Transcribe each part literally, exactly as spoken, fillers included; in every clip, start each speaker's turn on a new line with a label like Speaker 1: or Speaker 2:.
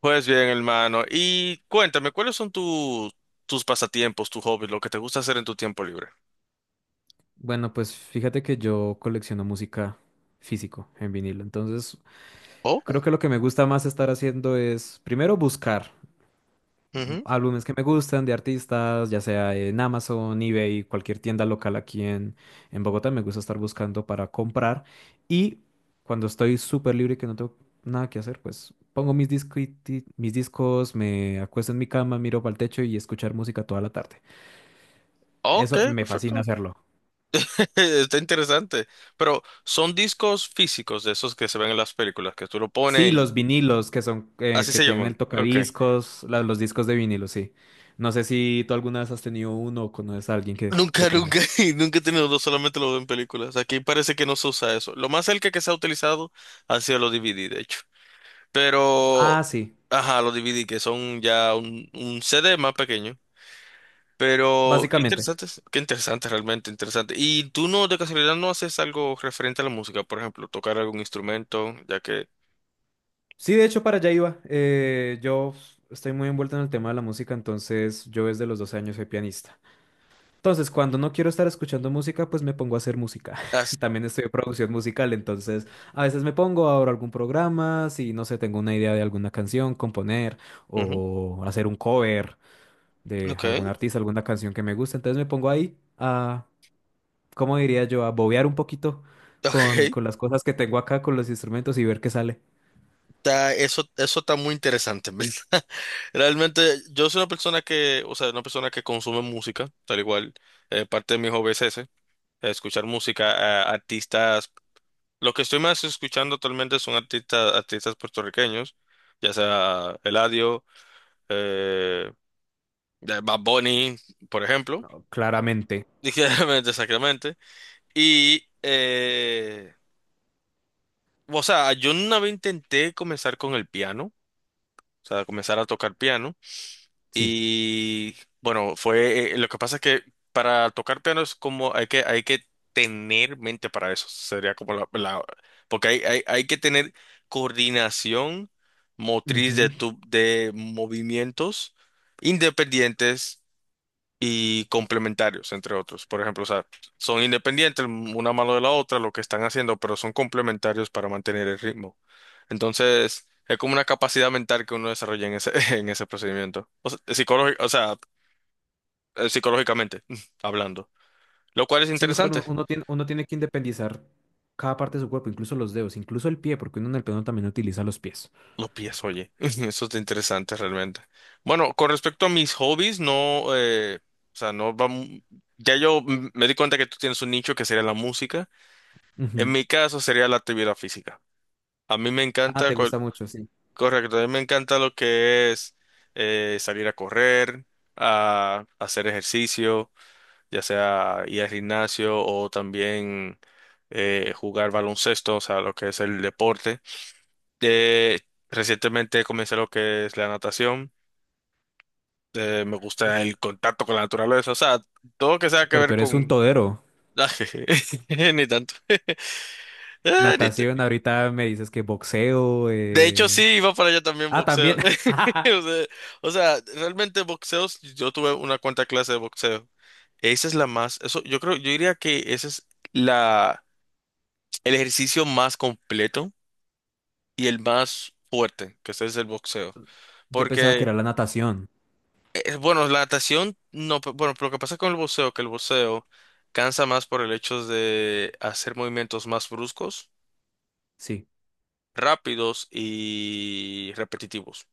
Speaker 1: Pues bien, hermano. Y cuéntame, ¿cuáles son tu- tus pasatiempos, tus hobbies, lo que te gusta hacer en tu tiempo libre?
Speaker 2: Bueno, pues fíjate que yo colecciono música físico en vinilo. Entonces,
Speaker 1: Oh,
Speaker 2: creo que lo que me gusta más estar haciendo es primero buscar
Speaker 1: ujú.
Speaker 2: álbumes que me gustan de artistas, ya sea en Amazon, eBay, cualquier tienda local aquí en, en Bogotá. Me gusta estar buscando para comprar. Y cuando estoy súper libre y que no tengo nada que hacer, pues pongo mis discuiti- mis discos, me acuesto en mi cama, miro para el techo y escuchar música toda la tarde.
Speaker 1: Ok,
Speaker 2: Eso me fascina
Speaker 1: perfecto.
Speaker 2: hacerlo.
Speaker 1: Está interesante. Pero son discos físicos de esos que se ven en las películas, que tú lo pones
Speaker 2: Sí, los
Speaker 1: y
Speaker 2: vinilos que son eh,
Speaker 1: así
Speaker 2: que
Speaker 1: se
Speaker 2: tienen el
Speaker 1: llaman. Ok.
Speaker 2: tocadiscos, la- los discos de vinilo, sí. No sé si tú alguna vez has tenido uno o conoces a alguien que, que
Speaker 1: Nunca, nunca,
Speaker 2: tenga.
Speaker 1: y nunca he tenido dos, solamente lo veo en películas. Aquí parece que no se usa eso. Lo más cerca que se ha utilizado ha sido los D V D, de hecho. Pero,
Speaker 2: Ah, sí,
Speaker 1: ajá, los D V D que son ya un, un C D más pequeño. Pero qué
Speaker 2: básicamente.
Speaker 1: interesante, es- qué interesante, realmente interesante. ¿Y tú no, de casualidad, no haces algo referente a la música? Por ejemplo, tocar algún instrumento, ya que...
Speaker 2: Sí, de hecho, para allá iba. Eh, yo estoy muy envuelto en el tema de la música, entonces yo desde los doce años soy pianista. Entonces, cuando no quiero estar escuchando música, pues me pongo a hacer música.
Speaker 1: Ah, sí.
Speaker 2: También estoy en producción musical, entonces a veces me pongo, abro algún programa, si no sé, tengo una idea de alguna canción, componer
Speaker 1: Ujú.
Speaker 2: o hacer un cover de
Speaker 1: Ok,
Speaker 2: algún artista, alguna canción que me gusta. Entonces me pongo ahí a, ¿cómo diría yo? A bobear un poquito con,
Speaker 1: ok.
Speaker 2: con las cosas que tengo acá, con los instrumentos y ver qué sale.
Speaker 1: Está, eso, eso está muy interesante, en ¿verdad? Realmente, yo soy una persona que, o sea, una persona que consume música, tal igual, eh, parte de mi hobby es ese, escuchar música, a artistas. Lo que estoy más escuchando actualmente son artistas, artistas puertorriqueños, ya sea Eladio, eh, de Bad Bunny, por ejemplo,
Speaker 2: No, claramente,
Speaker 1: dije realmente, exactamente. Y, eh, o sea, yo una vez intenté comenzar con el piano, o sea, comenzar a tocar piano.
Speaker 2: sí.
Speaker 1: Y bueno, fue, eh, lo que pasa es que para tocar piano es como, hay que, hay que tener mente para eso, sería como la, la- porque hay, hay, hay que tener coordinación motriz de,
Speaker 2: Ujú.
Speaker 1: tu, de movimientos independientes y complementarios, entre otros. Por ejemplo, o sea, son independientes una mano de la otra, lo que están haciendo, pero son complementarios para mantener el ritmo. Entonces, es como una capacidad mental que uno desarrolla en ese, en ese procedimiento. O sea, psicológi- o sea, eh, psicológicamente hablando. Lo cual es
Speaker 2: Sí, no, claro,
Speaker 1: interesante.
Speaker 2: uno tiene, uno tiene que independizar cada parte de su cuerpo, incluso los dedos, incluso el pie, porque uno en el piano también utiliza los pies.
Speaker 1: Los pies, oye, eso es interesante realmente. Bueno, con respecto a mis hobbies, no, eh, o sea, no vamos, ya yo mm, me di cuenta que tú tienes un nicho que sería la música. En
Speaker 2: Ujú.
Speaker 1: mi caso sería la actividad física. A mí me
Speaker 2: Ah,
Speaker 1: encanta,
Speaker 2: te
Speaker 1: cual-
Speaker 2: gusta mucho, sí.
Speaker 1: correcto, a mí me encanta lo que es eh, salir a correr, a hacer ejercicio, ya sea ir al gimnasio o también eh, jugar baloncesto, o sea, lo que es el deporte. Eh, recientemente comencé lo que es la natación, eh, me gusta
Speaker 2: Ush,
Speaker 1: el contacto con la naturaleza, o sea, todo lo que sea que
Speaker 2: pero
Speaker 1: ver
Speaker 2: tú eres un
Speaker 1: con...
Speaker 2: todero.
Speaker 1: Ni tanto, Ah, ni...
Speaker 2: Natación, ahorita me dices que boxeo.
Speaker 1: De hecho, sí,
Speaker 2: eh.
Speaker 1: iba para allá también
Speaker 2: Ah, también.
Speaker 1: boxeo. O sea, o sea, realmente boxeos, yo tuve una cuanta clase de boxeo. Esa es la más, eso, yo creo, yo diría que ese es la, el ejercicio más completo y el más fuerte, que ese es el boxeo.
Speaker 2: Yo pensaba que
Speaker 1: Porque,
Speaker 2: era la natación.
Speaker 1: eh, bueno, la natación, no, pe- bueno, pero lo que pasa con el boxeo, que el boxeo cansa más por el hecho de hacer movimientos más bruscos,
Speaker 2: Sí.
Speaker 1: rápidos y repetitivos.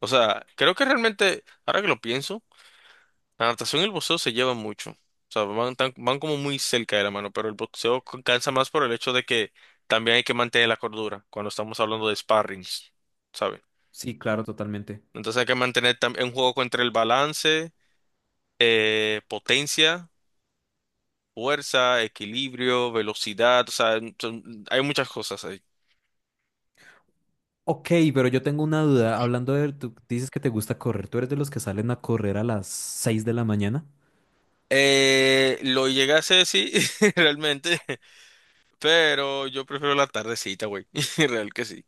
Speaker 1: O sea, creo que realmente, ahora que lo pienso, la natación y el boxeo se llevan mucho. O sea, van, tan- van como muy cerca de la mano, pero el boxeo c- cansa más por el hecho de que también hay que mantener la cordura cuando estamos hablando de sparrings, ¿sabes?
Speaker 2: Sí, claro, totalmente.
Speaker 1: Entonces hay que mantener tam- un juego entre el balance, eh, potencia, fuerza, equilibrio, velocidad, o sea, son- hay muchas cosas ahí.
Speaker 2: Ok, pero yo tengo una duda. Hablando de, tú dices que te gusta correr. ¿Tú eres de los que salen a correr a las seis de la mañana?
Speaker 1: Eh, lo llegué a hacer, sí, realmente, pero yo prefiero la tardecita, güey, real que sí.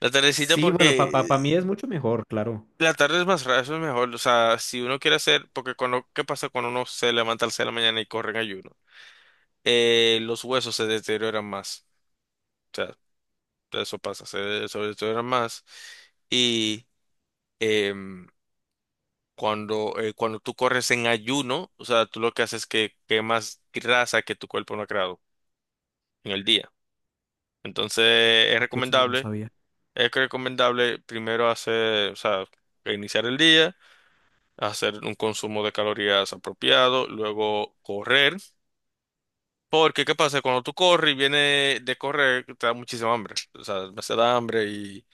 Speaker 1: La tardecita
Speaker 2: Sí, bueno,
Speaker 1: porque
Speaker 2: para mí es mucho mejor, claro.
Speaker 1: la tarde es más rara, eso es mejor. O sea, si uno quiere hacer, porque cuando, ¿qué pasa cuando uno se levanta al seis de la mañana y corre en ayuno? Eh, los huesos se deterioran más. O sea, eso pasa, se, se deterioran más. Y em, cuando, eh, cuando tú corres en ayuno, o sea, tú lo que haces es que quemas grasa que tu cuerpo no ha creado en el día. Entonces, es
Speaker 2: Ok, eso yo no
Speaker 1: recomendable,
Speaker 2: sabía.
Speaker 1: es recomendable primero hacer, o sea, iniciar el día. Hacer un consumo de calorías apropiado, luego correr, porque ¿qué pasa? Cuando tú corres y vienes de correr, te da muchísima hambre, o sea, se da hambre y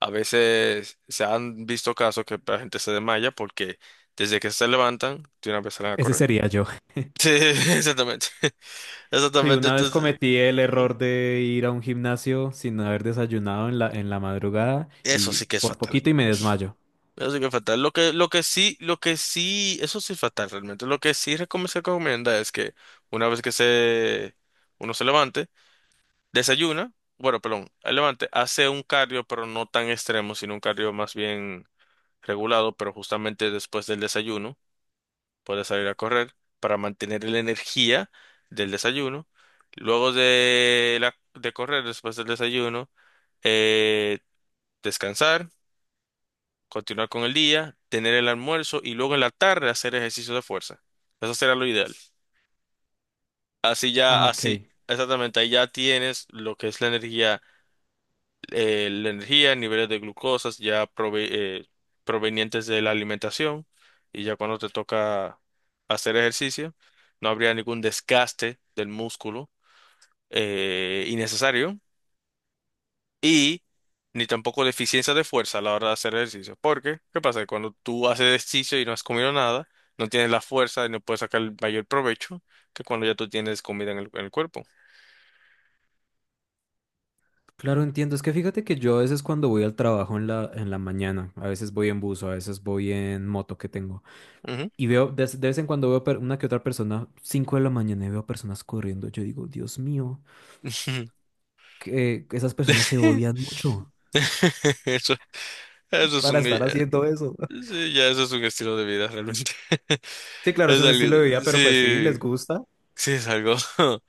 Speaker 1: a veces se han visto casos que la gente se desmaya porque desde que se levantan, de una vez salen a
Speaker 2: Ese
Speaker 1: correr.
Speaker 2: sería yo.
Speaker 1: Sí, exactamente,
Speaker 2: Sí,
Speaker 1: exactamente,
Speaker 2: una vez
Speaker 1: entonces...
Speaker 2: cometí el
Speaker 1: Ujú.
Speaker 2: error de ir a un gimnasio sin haber desayunado en la, en la madrugada
Speaker 1: Eso
Speaker 2: y
Speaker 1: sí que es
Speaker 2: por
Speaker 1: fatal.
Speaker 2: poquito y me desmayo.
Speaker 1: Eso sí que es fatal. Lo que, lo que sí, lo que sí, eso sí es fatal realmente. Lo que sí recom- se recomienda es que una vez que se, uno se levante, desayuna, bueno, perdón, el levante hace un cardio, pero no tan extremo, sino un cardio más bien regulado, pero justamente después del desayuno puede salir a correr para mantener la energía del desayuno. Luego de, la, de correr, después del desayuno, eh, descansar, continuar con el día, tener el almuerzo y luego en la tarde hacer ejercicio de fuerza. Eso será lo ideal. Así
Speaker 2: Ah,
Speaker 1: ya,
Speaker 2: ok.
Speaker 1: así, exactamente, ahí ya tienes lo que es la energía, eh, la energía, niveles de glucosas ya prove- eh, provenientes de la alimentación, y ya cuando te toca hacer ejercicio, no habría ningún desgaste del músculo eh, innecesario y ni tampoco deficiencia de fuerza a la hora de hacer ejercicio. Porque, ¿qué pasa? Cuando tú haces ejercicio y no has comido nada, no tienes la fuerza y no puedes sacar el mayor provecho que cuando ya tú tienes comida en el, en el cuerpo.
Speaker 2: Claro, entiendo. Es que fíjate que yo a veces cuando voy al trabajo en la, en la mañana, a veces voy en bus, a veces voy en moto que tengo.
Speaker 1: Ujú.
Speaker 2: Y veo, de, de vez en cuando veo per- una que otra persona, cinco de la mañana, y veo personas corriendo. Yo digo, Dios mío, que esas personas se odian mucho
Speaker 1: Eso, eso es
Speaker 2: para
Speaker 1: un...
Speaker 2: estar haciendo eso.
Speaker 1: Sí, ya eso es un estilo de vida realmente.
Speaker 2: Sí, claro, es
Speaker 1: Es
Speaker 2: un
Speaker 1: algo,
Speaker 2: estilo de vida, pero pues sí, les
Speaker 1: sí,
Speaker 2: gusta.
Speaker 1: sí es algo.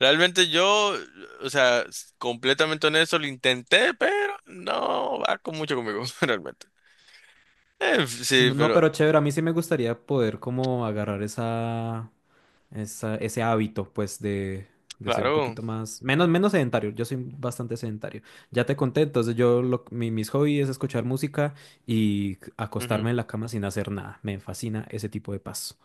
Speaker 1: Realmente yo, o sea, s- completamente honesto, lo intenté, pero no va con mucho conmigo, realmente. Eh,
Speaker 2: Si
Speaker 1: sí,
Speaker 2: no, no,
Speaker 1: pero
Speaker 2: pero chévere, a mí sí me gustaría poder como agarrar esa, esa, ese hábito, pues, de, de ser un
Speaker 1: claro.
Speaker 2: poquito más, menos, menos sedentario. Yo soy bastante sedentario. Ya te conté, entonces yo, lo- mi- mis hobbies es escuchar música y acostarme
Speaker 1: Ujú.
Speaker 2: en la cama sin hacer nada. Me fascina ese tipo de paz.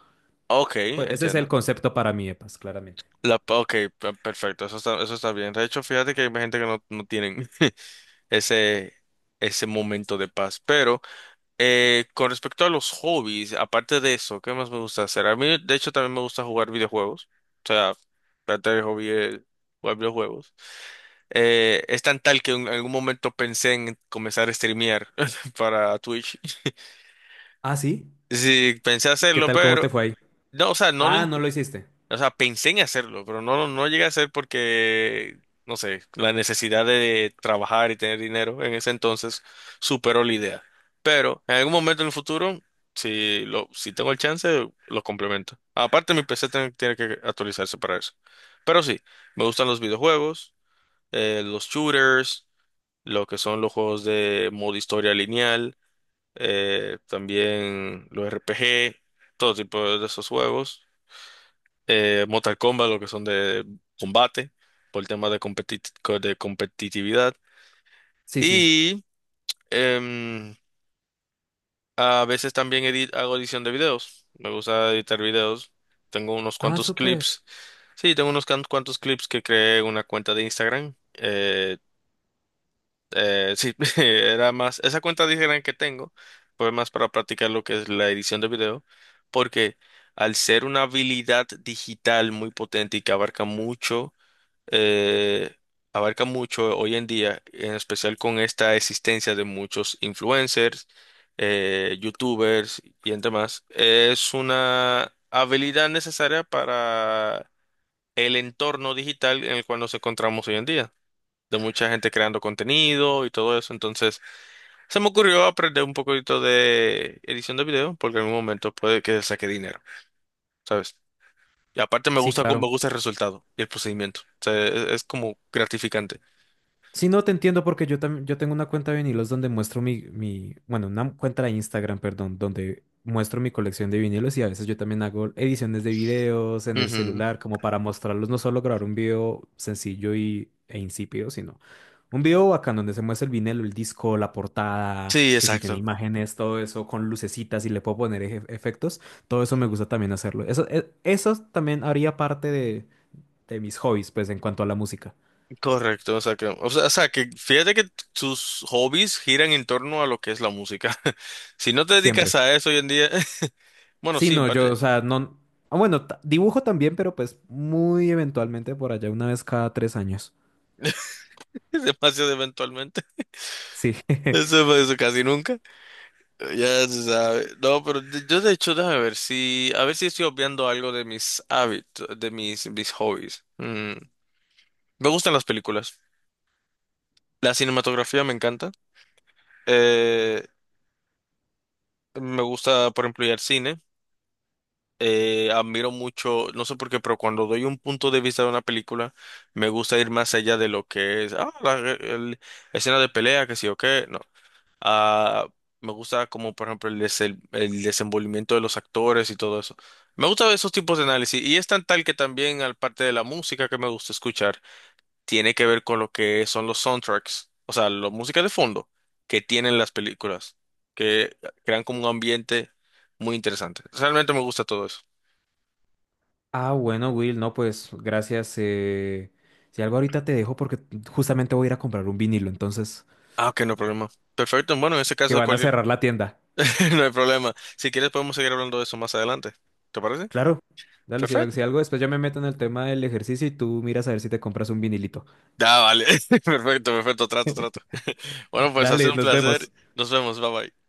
Speaker 1: Ok,
Speaker 2: Pues ese es el
Speaker 1: entiendo.
Speaker 2: concepto para mí, E P A S, claramente.
Speaker 1: La, pa- ok, pe- perfecto, eso está, eso está bien. De hecho, fíjate que hay gente que no, no tienen ese, ese momento de paz, pero... Eh, con respecto a los hobbies, aparte de eso, ¿qué más me gusta hacer? A mí, de hecho, también me gusta jugar videojuegos. O sea, parte del hobby es jugar videojuegos. Eh, es tan tal que en algún momento pensé en comenzar a streamear para Twitch.
Speaker 2: Ah, sí.
Speaker 1: Sí, pensé
Speaker 2: ¿Qué
Speaker 1: hacerlo,
Speaker 2: tal? ¿Cómo te
Speaker 1: pero
Speaker 2: fue ahí?
Speaker 1: no, o sea, no, lo...
Speaker 2: Ah, no lo hiciste.
Speaker 1: o sea, pensé en hacerlo, pero no, no no llegué a hacer porque, no sé, la necesidad de trabajar y tener dinero en ese entonces superó la idea. Pero en algún momento en el futuro, si lo, si tengo el chance, lo complemento. Aparte, mi P C tiene, tiene que actualizarse para eso. Pero sí, me gustan los videojuegos, eh, los shooters, lo que son los juegos de modo historia lineal, eh, también los R P G, todo tipo de esos juegos, eh, Mortal Kombat, lo que son de combate, por el tema de, competi- co- de competitividad.
Speaker 2: Sí, sí.
Speaker 1: Y em, a veces también edit- hago edición de videos. Me gusta editar videos. Tengo unos
Speaker 2: Ah,
Speaker 1: cuantos
Speaker 2: súper.
Speaker 1: clips. Sí, tengo unos can- cuantos clips que creé en una cuenta de Instagram. Eh, eh, sí, era más, esa cuenta de Instagram que tengo fue más para practicar lo que es la edición de video, porque al ser una habilidad digital muy potente y que abarca mucho, eh, abarca mucho hoy en día, en especial con esta existencia de muchos influencers, eh, youtubers y entre más, es una habilidad necesaria para el entorno digital en el cual nos encontramos hoy en día, de mucha gente creando contenido y todo eso. Entonces, se me ocurrió aprender un poquito de edición de video, porque en un momento puede que saque dinero, ¿sabes? Y aparte me
Speaker 2: Sí,
Speaker 1: gusta,
Speaker 2: claro.
Speaker 1: me gusta el resultado y el procedimiento. O sea, es es como gratificante.
Speaker 2: Sí, no te entiendo porque yo también yo tengo una cuenta de vinilos donde muestro mi, mi, bueno, una cuenta de Instagram, perdón, donde muestro mi colección de vinilos y a veces yo también hago ediciones de videos en el
Speaker 1: Ujú.
Speaker 2: celular como para mostrarlos, no solo grabar un video sencillo y, e insípido, sino un video bacán donde se muestra el vinilo, el disco, la portada,
Speaker 1: Sí,
Speaker 2: que si tiene
Speaker 1: exacto.
Speaker 2: imágenes, todo eso con lucecitas y le puedo poner eje- efectos, todo eso me gusta también hacerlo. Eso, e- eso también haría parte de, de mis hobbies, pues en cuanto a la música,
Speaker 1: Correcto, o sea que, o sea, o sea que fíjate que tus hobbies giran en torno a lo que es la música. Si no te dedicas
Speaker 2: siempre.
Speaker 1: a eso hoy en día, bueno,
Speaker 2: Sí,
Speaker 1: sí, en
Speaker 2: no, yo,
Speaker 1: parte.
Speaker 2: o sea, no. Ah, bueno, ta- dibujo también, pero pues muy eventualmente por allá, una vez cada tres años.
Speaker 1: Demasiado eventualmente.
Speaker 2: Sí.
Speaker 1: Eso, eso casi nunca. Ya se sabe. No, pero de- yo de hecho, déjame ver si, a ver si estoy obviando algo de mis hábitos, de mis, mis hobbies. Mm, Me gustan las películas. La cinematografía me encanta. Eh, me gusta, por ejemplo, ir al cine. Eh, admiro mucho, no sé por qué, pero cuando doy un punto de vista de una película, me gusta ir más allá de lo que es, ah, la el- escena de pelea, que sí o qué, no. Ah, me gusta como, por ejemplo, el, des- el, el desenvolvimiento de los actores y todo eso. Me gusta esos tipos de análisis y es tan tal que también, al parte de la música que me gusta escuchar, tiene que ver con lo que son los soundtracks, o sea, la música de fondo que tienen las películas, que crean como un ambiente muy interesante. Realmente me gusta todo eso.
Speaker 2: Ah, bueno, Will, no, pues gracias. eh, Si algo ahorita te dejo porque justamente voy a ir a comprar un vinilo, entonces,
Speaker 1: Ah, ok, no hay problema. Perfecto. Bueno, en ese
Speaker 2: que
Speaker 1: caso,
Speaker 2: van a
Speaker 1: cualquier...
Speaker 2: cerrar la tienda.
Speaker 1: no hay problema. Si quieres, podemos seguir hablando de eso más adelante. ¿Te parece?
Speaker 2: Claro. Dale, si algo,
Speaker 1: Perfecto.
Speaker 2: si algo después ya me meto en el tema del ejercicio y tú miras a ver si te compras un vinilito.
Speaker 1: Ya, vale. Perfecto, perfecto. Trato, trato. Bueno, pues ha sido
Speaker 2: Dale,
Speaker 1: un
Speaker 2: nos
Speaker 1: placer.
Speaker 2: vemos.
Speaker 1: Nos vemos. Bye bye.